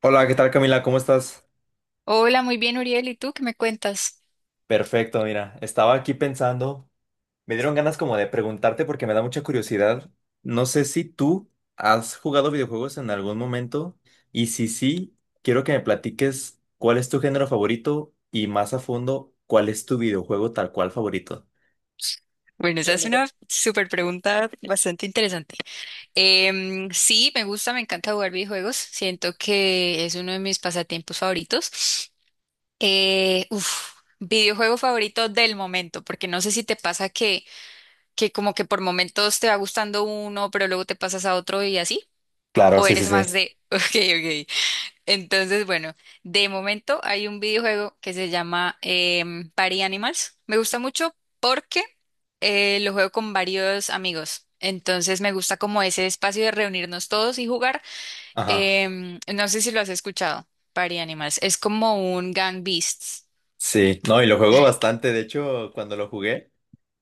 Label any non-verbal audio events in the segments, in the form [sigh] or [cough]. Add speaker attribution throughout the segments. Speaker 1: Hola, ¿qué tal Camila? ¿Cómo estás?
Speaker 2: Hola, muy bien, Uriel. ¿Y tú qué me cuentas?
Speaker 1: Perfecto, mira, estaba aquí pensando, me dieron ganas como de preguntarte porque me da mucha curiosidad. No sé si tú has jugado videojuegos en algún momento y si sí, quiero que me platiques cuál es tu género favorito y más a fondo, cuál es tu videojuego tal cual favorito.
Speaker 2: Bueno, esa es una súper pregunta bastante interesante. Sí, me gusta, me encanta jugar videojuegos. Siento que es uno de mis pasatiempos favoritos. Uf, videojuego favorito del momento, porque no sé si te pasa que como que por momentos te va gustando uno, pero luego te pasas a otro y así.
Speaker 1: Claro,
Speaker 2: ¿O
Speaker 1: sí, sí,
Speaker 2: eres
Speaker 1: sí.
Speaker 2: más de, [laughs] ok, ok. Entonces, bueno, de momento hay un videojuego que se llama Party Animals. Me gusta mucho porque lo juego con varios amigos. Entonces me gusta como ese espacio de reunirnos todos y jugar.
Speaker 1: Ajá.
Speaker 2: No sé si lo has escuchado, Party Animals. Es como un Gang Beasts.
Speaker 1: Sí, no, y lo juego bastante, de hecho, cuando lo jugué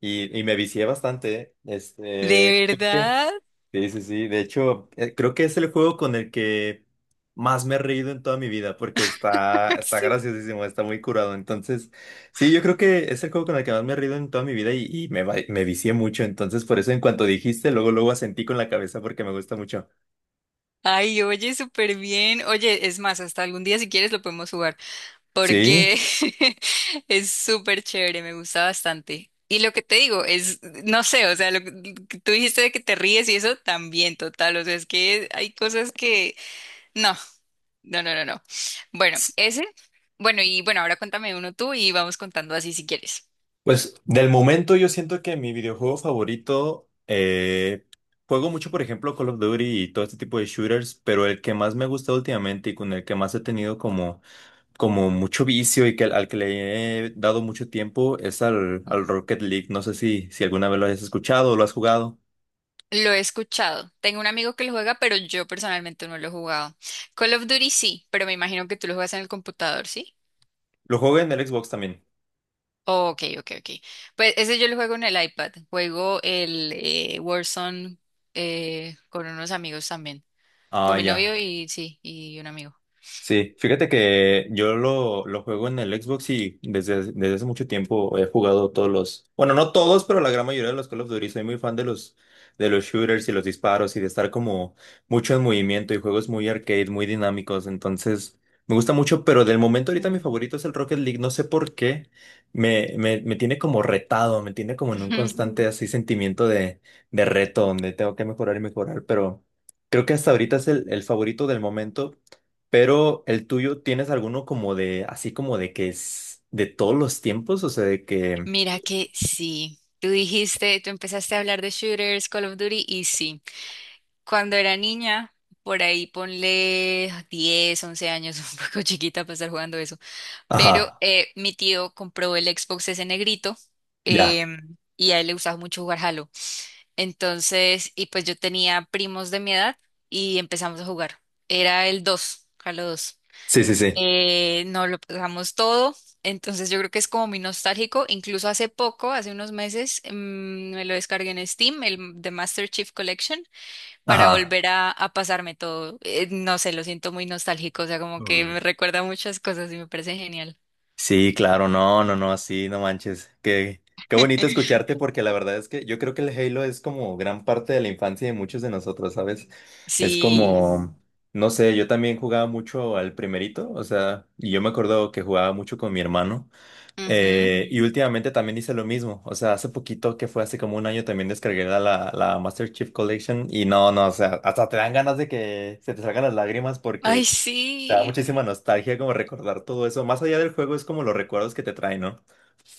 Speaker 1: y me vicié bastante, este.
Speaker 2: ¿De verdad?
Speaker 1: Sí, sí, sí. De hecho, creo que es el juego con el que más me he reído en toda mi vida porque está,
Speaker 2: [laughs]
Speaker 1: está
Speaker 2: Sí.
Speaker 1: graciosísimo, está muy curado. Entonces, sí, yo creo que es el juego con el que más me he reído en toda mi vida y me vicié mucho. Entonces, por eso en cuanto dijiste, luego, luego asentí con la cabeza porque me gusta mucho.
Speaker 2: Ay, oye, súper bien. Oye, es más, hasta algún día si quieres lo podemos jugar,
Speaker 1: Sí.
Speaker 2: porque [laughs] es súper chévere, me gusta bastante. Y lo que te digo es, no sé, o sea, lo que tú dijiste de que te ríes y eso también, total, o sea, es que hay cosas que, no, no, no, no, no. Bueno,
Speaker 1: S-
Speaker 2: ese, bueno, y bueno, ahora cuéntame uno tú y vamos contando así si quieres.
Speaker 1: Pues del momento yo siento que mi videojuego favorito, juego mucho, por ejemplo, Call of Duty y todo este tipo de shooters, pero el que más me ha gustado últimamente y con el que más he tenido como mucho vicio y que al que le he dado mucho tiempo es al
Speaker 2: Ujú.
Speaker 1: Rocket League. No sé si alguna vez lo has escuchado o lo has jugado.
Speaker 2: Lo he escuchado, tengo un amigo que lo juega, pero yo personalmente no lo he jugado. Call of Duty sí, pero me imagino que tú lo juegas en el computador, ¿sí?
Speaker 1: Lo jugué en el Xbox también.
Speaker 2: Oh, ok, ok, ok. Pues ese yo lo juego en el iPad. Juego el Warzone con unos amigos también.
Speaker 1: Ah,
Speaker 2: Con mi
Speaker 1: ya.
Speaker 2: novio y sí, y un amigo.
Speaker 1: Sí, fíjate que yo lo juego en el Xbox y desde hace mucho tiempo he jugado todos los, bueno, no todos, pero la gran mayoría de los Call of Duty. Soy muy fan de los, shooters y los disparos y de estar como mucho en movimiento y juegos muy arcade, muy dinámicos. Entonces, me gusta mucho, pero del momento ahorita mi
Speaker 2: Mm.
Speaker 1: favorito es el Rocket League. No sé por qué. Me tiene como retado, me tiene como en un
Speaker 2: [laughs]
Speaker 1: constante así sentimiento de reto donde tengo que mejorar y mejorar, pero creo que hasta ahorita es el favorito del momento. Pero el tuyo, ¿tienes alguno como de, así como de que es de todos los tiempos? O sea, de que...
Speaker 2: Mira que sí. Tú dijiste, tú empezaste a hablar de shooters, Call of Duty, y sí. Cuando era niña, por ahí ponle 10, 11 años, [laughs] un poco chiquita para estar jugando eso. Pero
Speaker 1: Ajá,
Speaker 2: mi tío compró el Xbox ese negrito
Speaker 1: ya.
Speaker 2: y a él le gustaba mucho jugar Halo. Entonces, y pues yo tenía primos de mi edad y empezamos a jugar. Era el 2, Halo 2.
Speaker 1: Sí, sí, sí.
Speaker 2: Nos lo pasamos todo, entonces yo creo que es como muy nostálgico. Incluso hace poco, hace unos meses, me lo descargué en Steam, el The Master Chief Collection, para
Speaker 1: Ajá.
Speaker 2: volver a pasarme todo. No sé, lo siento muy nostálgico, o sea, como que me
Speaker 1: Uy.
Speaker 2: recuerda a muchas cosas y me parece genial.
Speaker 1: Sí, claro, no, no, no, así, no manches. Qué bonito escucharte porque la verdad es que yo creo que el Halo es como gran parte de la infancia de muchos de nosotros, ¿sabes? Es
Speaker 2: Sí.
Speaker 1: como, no sé, yo también jugaba mucho al primerito, o sea, y yo me acuerdo que jugaba mucho con mi hermano.
Speaker 2: Ujú.
Speaker 1: Y últimamente también hice lo mismo. O sea, hace poquito que fue hace como un año también descargué la, la Master Chief Collection. Y no, no, o sea, hasta te dan ganas de que se te salgan las lágrimas
Speaker 2: Ay,
Speaker 1: porque te da
Speaker 2: sí.
Speaker 1: muchísima nostalgia como recordar todo eso. Más allá del juego es como los recuerdos que te traen, ¿no?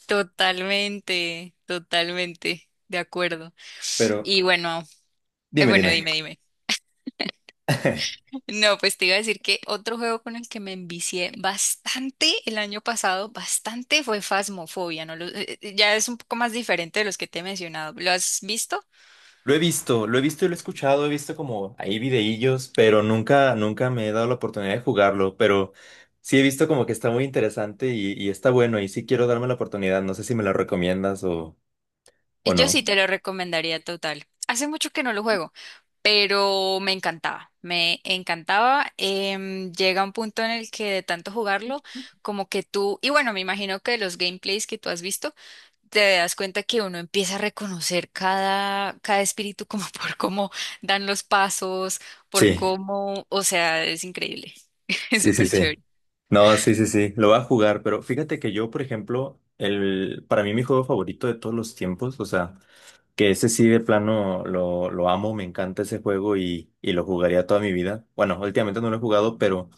Speaker 2: Totalmente, totalmente, de acuerdo.
Speaker 1: Pero
Speaker 2: Y bueno,
Speaker 1: dime,
Speaker 2: bueno,
Speaker 1: dime.
Speaker 2: dime, dime.
Speaker 1: [laughs]
Speaker 2: [laughs] No, pues te iba a decir que otro juego con el que me envicié bastante el año pasado, bastante fue Phasmophobia, ¿no? Ya es un poco más diferente de los que te he mencionado. ¿Lo has visto?
Speaker 1: Lo he visto y lo he escuchado, he visto como ahí videillos, pero nunca, nunca me he dado la oportunidad de jugarlo. Pero sí he visto como que está muy interesante y está bueno. Y sí quiero darme la oportunidad. No sé si me lo recomiendas o ¿O
Speaker 2: Y yo
Speaker 1: no?
Speaker 2: sí te lo recomendaría total. Hace mucho que no lo juego, pero me encantaba, me encantaba. Llega un punto en el que de tanto jugarlo, como que tú, y bueno, me imagino que los gameplays que tú has visto, te das cuenta que uno empieza a reconocer cada espíritu como [laughs] por cómo dan los pasos, por
Speaker 1: Sí,
Speaker 2: cómo, o sea, es increíble, [laughs] es
Speaker 1: sí, sí,
Speaker 2: súper
Speaker 1: sí.
Speaker 2: chévere.
Speaker 1: No, sí, sí, sí. Lo va a jugar, pero fíjate que yo, por ejemplo, para mí mi juego favorito de todos los tiempos, o sea, que ese sí de plano lo amo, me encanta ese juego y lo jugaría toda mi vida. Bueno, últimamente no lo he jugado, pero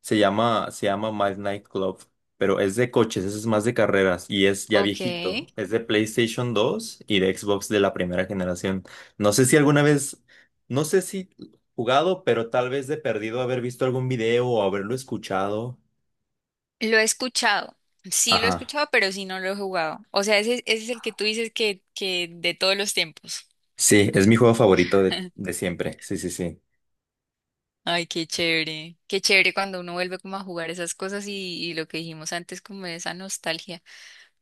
Speaker 1: se llama Miles Night Club, pero es de coches, ese es más de carreras y es ya
Speaker 2: Ok,
Speaker 1: viejito. Es de PlayStation 2 y de Xbox de la primera generación. No sé si alguna vez, no sé si jugado, pero tal vez de perdido haber visto algún video o haberlo escuchado.
Speaker 2: lo he escuchado, sí lo he
Speaker 1: Ajá.
Speaker 2: escuchado, pero sí no lo he jugado. O sea, ese es el que tú dices que de todos los tiempos.
Speaker 1: Sí, es mi juego favorito de,
Speaker 2: [laughs]
Speaker 1: de siempre. Sí, sí, sí.
Speaker 2: Ay, qué chévere cuando uno vuelve como a jugar esas cosas y lo que dijimos antes, como esa nostalgia.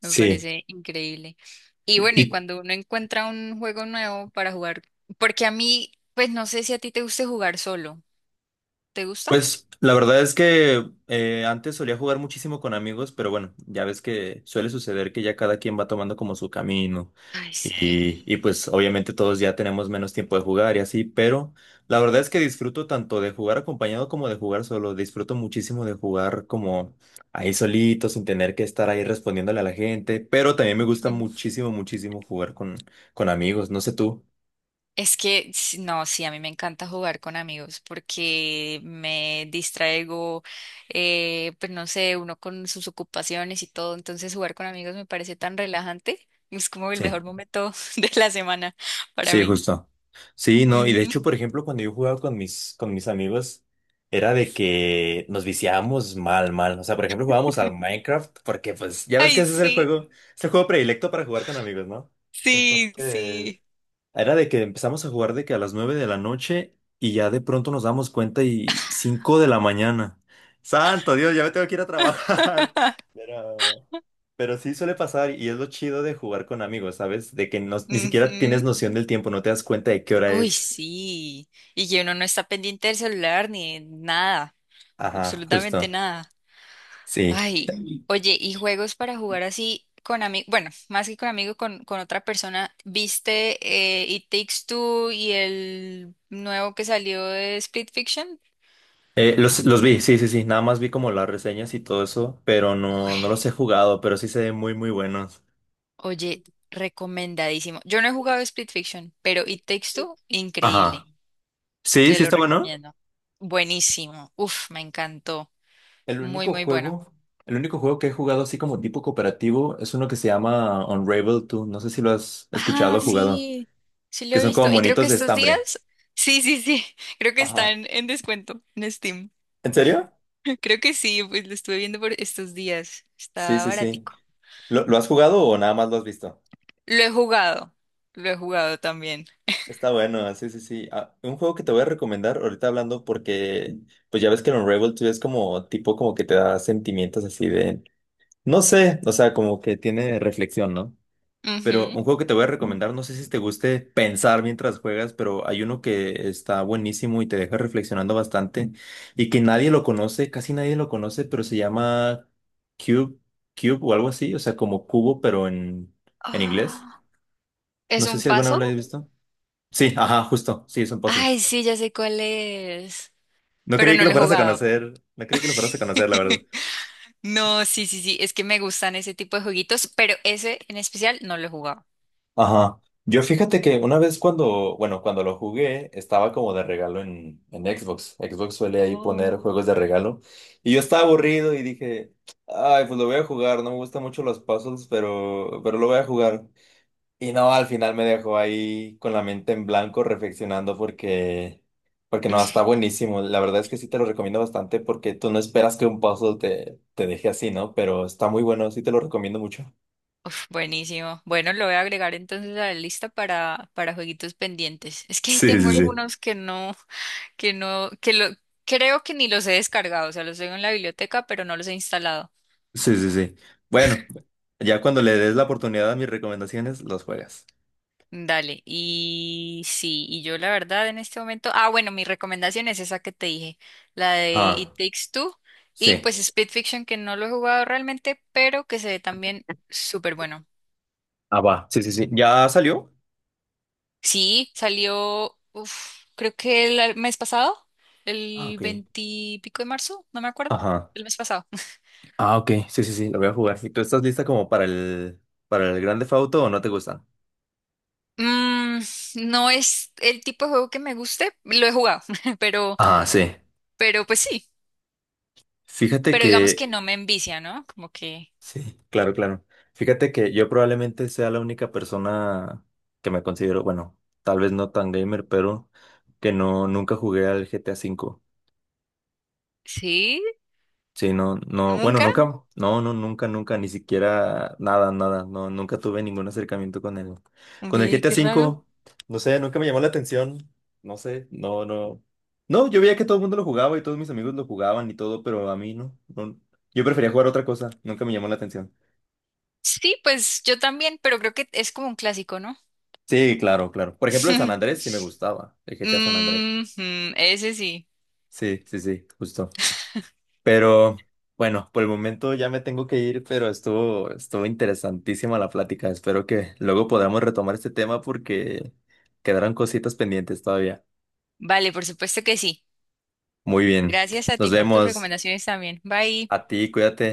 Speaker 2: Me parece increíble. Y bueno, y
Speaker 1: ¿Y
Speaker 2: cuando uno encuentra un juego nuevo para jugar, porque a mí, pues no sé si a ti te guste jugar solo. ¿Te gusta?
Speaker 1: Pues la verdad es que antes solía jugar muchísimo con amigos, pero bueno, ya ves que suele suceder que ya cada quien va tomando como su camino
Speaker 2: Ay, sí.
Speaker 1: y pues obviamente todos ya tenemos menos tiempo de jugar y así, pero la verdad es que disfruto tanto de jugar acompañado como de jugar solo, disfruto muchísimo de jugar como ahí solito, sin tener que estar ahí respondiéndole a la gente, pero también me gusta
Speaker 2: Ujú.
Speaker 1: muchísimo, muchísimo jugar con, amigos, no sé tú.
Speaker 2: Es que no, sí, a mí me encanta jugar con amigos porque me distraigo, pues no sé, uno con sus ocupaciones y todo, entonces jugar con amigos me parece tan relajante, es como el
Speaker 1: Sí.
Speaker 2: mejor momento [laughs] de la semana para
Speaker 1: Sí,
Speaker 2: mí.
Speaker 1: justo. Sí, no, y de
Speaker 2: Ujú.
Speaker 1: hecho, por ejemplo, cuando yo jugaba con mis amigos, era de que nos viciábamos mal, mal. O sea, por ejemplo, jugábamos al
Speaker 2: [laughs]
Speaker 1: Minecraft, porque pues ya ves que
Speaker 2: Ay,
Speaker 1: ese
Speaker 2: sí,
Speaker 1: es el juego predilecto para jugar con amigos, ¿no?
Speaker 2: sí,
Speaker 1: Entonces,
Speaker 2: sí.
Speaker 1: era de que empezamos a jugar de que a las 9 de la noche y ya de pronto nos damos cuenta y 5 de la mañana. Santo Dios, ya me tengo que ir a trabajar. [laughs] Pero, pero sí suele pasar y es lo chido de jugar con amigos, ¿sabes? De que no, ni siquiera tienes
Speaker 2: Ujú.
Speaker 1: noción del tiempo, no te das cuenta de qué hora
Speaker 2: Uy,
Speaker 1: es.
Speaker 2: sí. Y que uno no está pendiente del celular ni de nada,
Speaker 1: Ajá,
Speaker 2: absolutamente
Speaker 1: justo.
Speaker 2: nada.
Speaker 1: Sí.
Speaker 2: Ay, oye, ¿y juegos para jugar así con amigos? Bueno, más que con amigos, con, otra persona. ¿Viste It Takes Two y el nuevo que salió de Split Fiction?
Speaker 1: Los vi, sí, sí, sí. Nada más vi como las reseñas y todo eso, pero
Speaker 2: Uy,
Speaker 1: no, no los he jugado, pero sí se ven muy, muy buenos.
Speaker 2: oye, recomendadísimo. Yo no he jugado Split Fiction, pero It Takes Two,
Speaker 1: Ajá.
Speaker 2: increíble.
Speaker 1: Sí,
Speaker 2: Te
Speaker 1: sí
Speaker 2: lo
Speaker 1: está bueno.
Speaker 2: recomiendo. Buenísimo. Uf, me encantó.
Speaker 1: El
Speaker 2: Muy,
Speaker 1: único
Speaker 2: muy bueno.
Speaker 1: juego, el único juego que he jugado así como tipo cooperativo es uno que se llama Unravel 2. No sé si lo has escuchado
Speaker 2: Ah,
Speaker 1: o jugado.
Speaker 2: sí, sí lo
Speaker 1: Que
Speaker 2: he
Speaker 1: son como
Speaker 2: visto. Y creo que
Speaker 1: monitos de
Speaker 2: estos días,
Speaker 1: estambre.
Speaker 2: [laughs] sí, sí, sí, [laughs] creo que
Speaker 1: Ajá.
Speaker 2: están en descuento en Steam.
Speaker 1: ¿En serio?
Speaker 2: [laughs] Creo que sí, pues lo estuve viendo por estos días.
Speaker 1: Sí,
Speaker 2: Está
Speaker 1: sí, sí.
Speaker 2: baratico.
Speaker 1: ¿Lo has jugado o nada más lo has visto?
Speaker 2: Lo he jugado, lo he jugado también.
Speaker 1: Está bueno, sí, sí, sí. Ah, un juego que te voy a recomendar ahorita hablando porque pues ya ves que el Unravel 2 es como tipo como que te da sentimientos así de, no sé, o sea, como que tiene reflexión, ¿no? Pero un
Speaker 2: Ujú.
Speaker 1: juego que te voy a recomendar, no sé si te guste pensar mientras juegas, pero hay uno que está buenísimo y te deja reflexionando bastante y que nadie lo conoce, casi nadie lo conoce, pero se llama Cube, Cube o algo así, o sea, como cubo, pero en inglés.
Speaker 2: Ah, ¿es
Speaker 1: No sé
Speaker 2: un
Speaker 1: si alguna vez
Speaker 2: puzzle?
Speaker 1: lo has visto. Sí, ajá, justo, sí, es un puzzle.
Speaker 2: Ay, sí, ya sé cuál es,
Speaker 1: No
Speaker 2: pero
Speaker 1: creí que
Speaker 2: no
Speaker 1: lo
Speaker 2: lo he
Speaker 1: fueras a
Speaker 2: jugado.
Speaker 1: conocer, no creí que lo fueras a conocer, la verdad.
Speaker 2: [laughs] No, sí, sí, sí, es que me gustan ese tipo de jueguitos, pero ese en especial no lo he jugado.
Speaker 1: Ajá. Yo fíjate que una vez cuando, bueno, cuando lo jugué, estaba como de regalo en, Xbox. Xbox suele ahí poner
Speaker 2: Oh.
Speaker 1: juegos de regalo. Y yo estaba aburrido y dije, ay, pues lo voy a jugar, no me gustan mucho los puzzles, pero lo voy a jugar. Y no, al final me dejó ahí con la mente en blanco reflexionando porque no, está
Speaker 2: [laughs]
Speaker 1: buenísimo. La verdad es que sí te lo recomiendo bastante porque tú no esperas que un puzzle te deje así, ¿no? Pero está muy bueno, sí te lo recomiendo mucho.
Speaker 2: Uf, buenísimo. Bueno, lo voy a agregar entonces a la lista para, jueguitos pendientes. Es que ahí
Speaker 1: Sí,
Speaker 2: tengo
Speaker 1: sí, sí.
Speaker 2: algunos que no, [laughs] que no, que lo, creo que ni los he descargado, o sea, los tengo en la biblioteca, pero no los he instalado.
Speaker 1: Sí, sí, sí. Bueno. Ya cuando le des la oportunidad a mis recomendaciones, los juegas.
Speaker 2: Dale, y sí, y yo la verdad en este momento, ah, bueno, mi recomendación es esa que te dije, la de
Speaker 1: Ah,
Speaker 2: It Takes Two, y
Speaker 1: sí.
Speaker 2: pues speed Fiction, que no lo he jugado realmente, pero que se ve también súper bueno.
Speaker 1: Ah, va. Sí, sí, sí. ¿Ya salió?
Speaker 2: Sí, salió, uf, creo que el mes pasado,
Speaker 1: Ah,
Speaker 2: el
Speaker 1: ok.
Speaker 2: veintipico de marzo, no me acuerdo,
Speaker 1: Ajá.
Speaker 2: el mes pasado.
Speaker 1: Ah, ok. Sí, sí, sí. Lo voy a jugar. ¿Y tú estás lista como para el Grand Theft Auto o no te gustan?
Speaker 2: Mm, no es el tipo de juego que me guste, lo he jugado, [laughs] pero,
Speaker 1: Ah, sí.
Speaker 2: pero pues sí,
Speaker 1: Fíjate
Speaker 2: pero digamos que
Speaker 1: que
Speaker 2: no me envicia, ¿no? Como que
Speaker 1: sí, claro, claro. Fíjate que yo probablemente sea la única persona que me considero, bueno, tal vez no tan gamer, pero que no nunca jugué al GTA V.
Speaker 2: sí,
Speaker 1: Sí, no, no, bueno,
Speaker 2: nunca.
Speaker 1: nunca, no, no, nunca, nunca, ni siquiera nada, nada, no, nunca tuve ningún acercamiento con el,
Speaker 2: Ve,
Speaker 1: GTA
Speaker 2: qué raro.
Speaker 1: cinco, no sé, nunca me llamó la atención, no sé, no, no, no, yo veía que todo el mundo lo jugaba y todos mis amigos lo jugaban y todo, pero a mí no, no, yo prefería jugar otra cosa, nunca me llamó la atención.
Speaker 2: Sí, pues yo también, pero creo que es como un clásico, ¿no?
Speaker 1: Sí, claro, claro, por ejemplo, el San
Speaker 2: [laughs]
Speaker 1: Andrés sí me gustaba, el GTA San Andrés,
Speaker 2: Ujú, ese sí.
Speaker 1: sí, sí, sí, justo. Pero bueno, por el momento ya me tengo que ir, pero estuvo interesantísima la plática. Espero que luego podamos retomar este tema porque quedaron cositas pendientes todavía.
Speaker 2: Vale, por supuesto que sí.
Speaker 1: Muy bien,
Speaker 2: Gracias a
Speaker 1: nos
Speaker 2: ti por tus
Speaker 1: vemos.
Speaker 2: recomendaciones también. Bye.
Speaker 1: A ti, cuídate.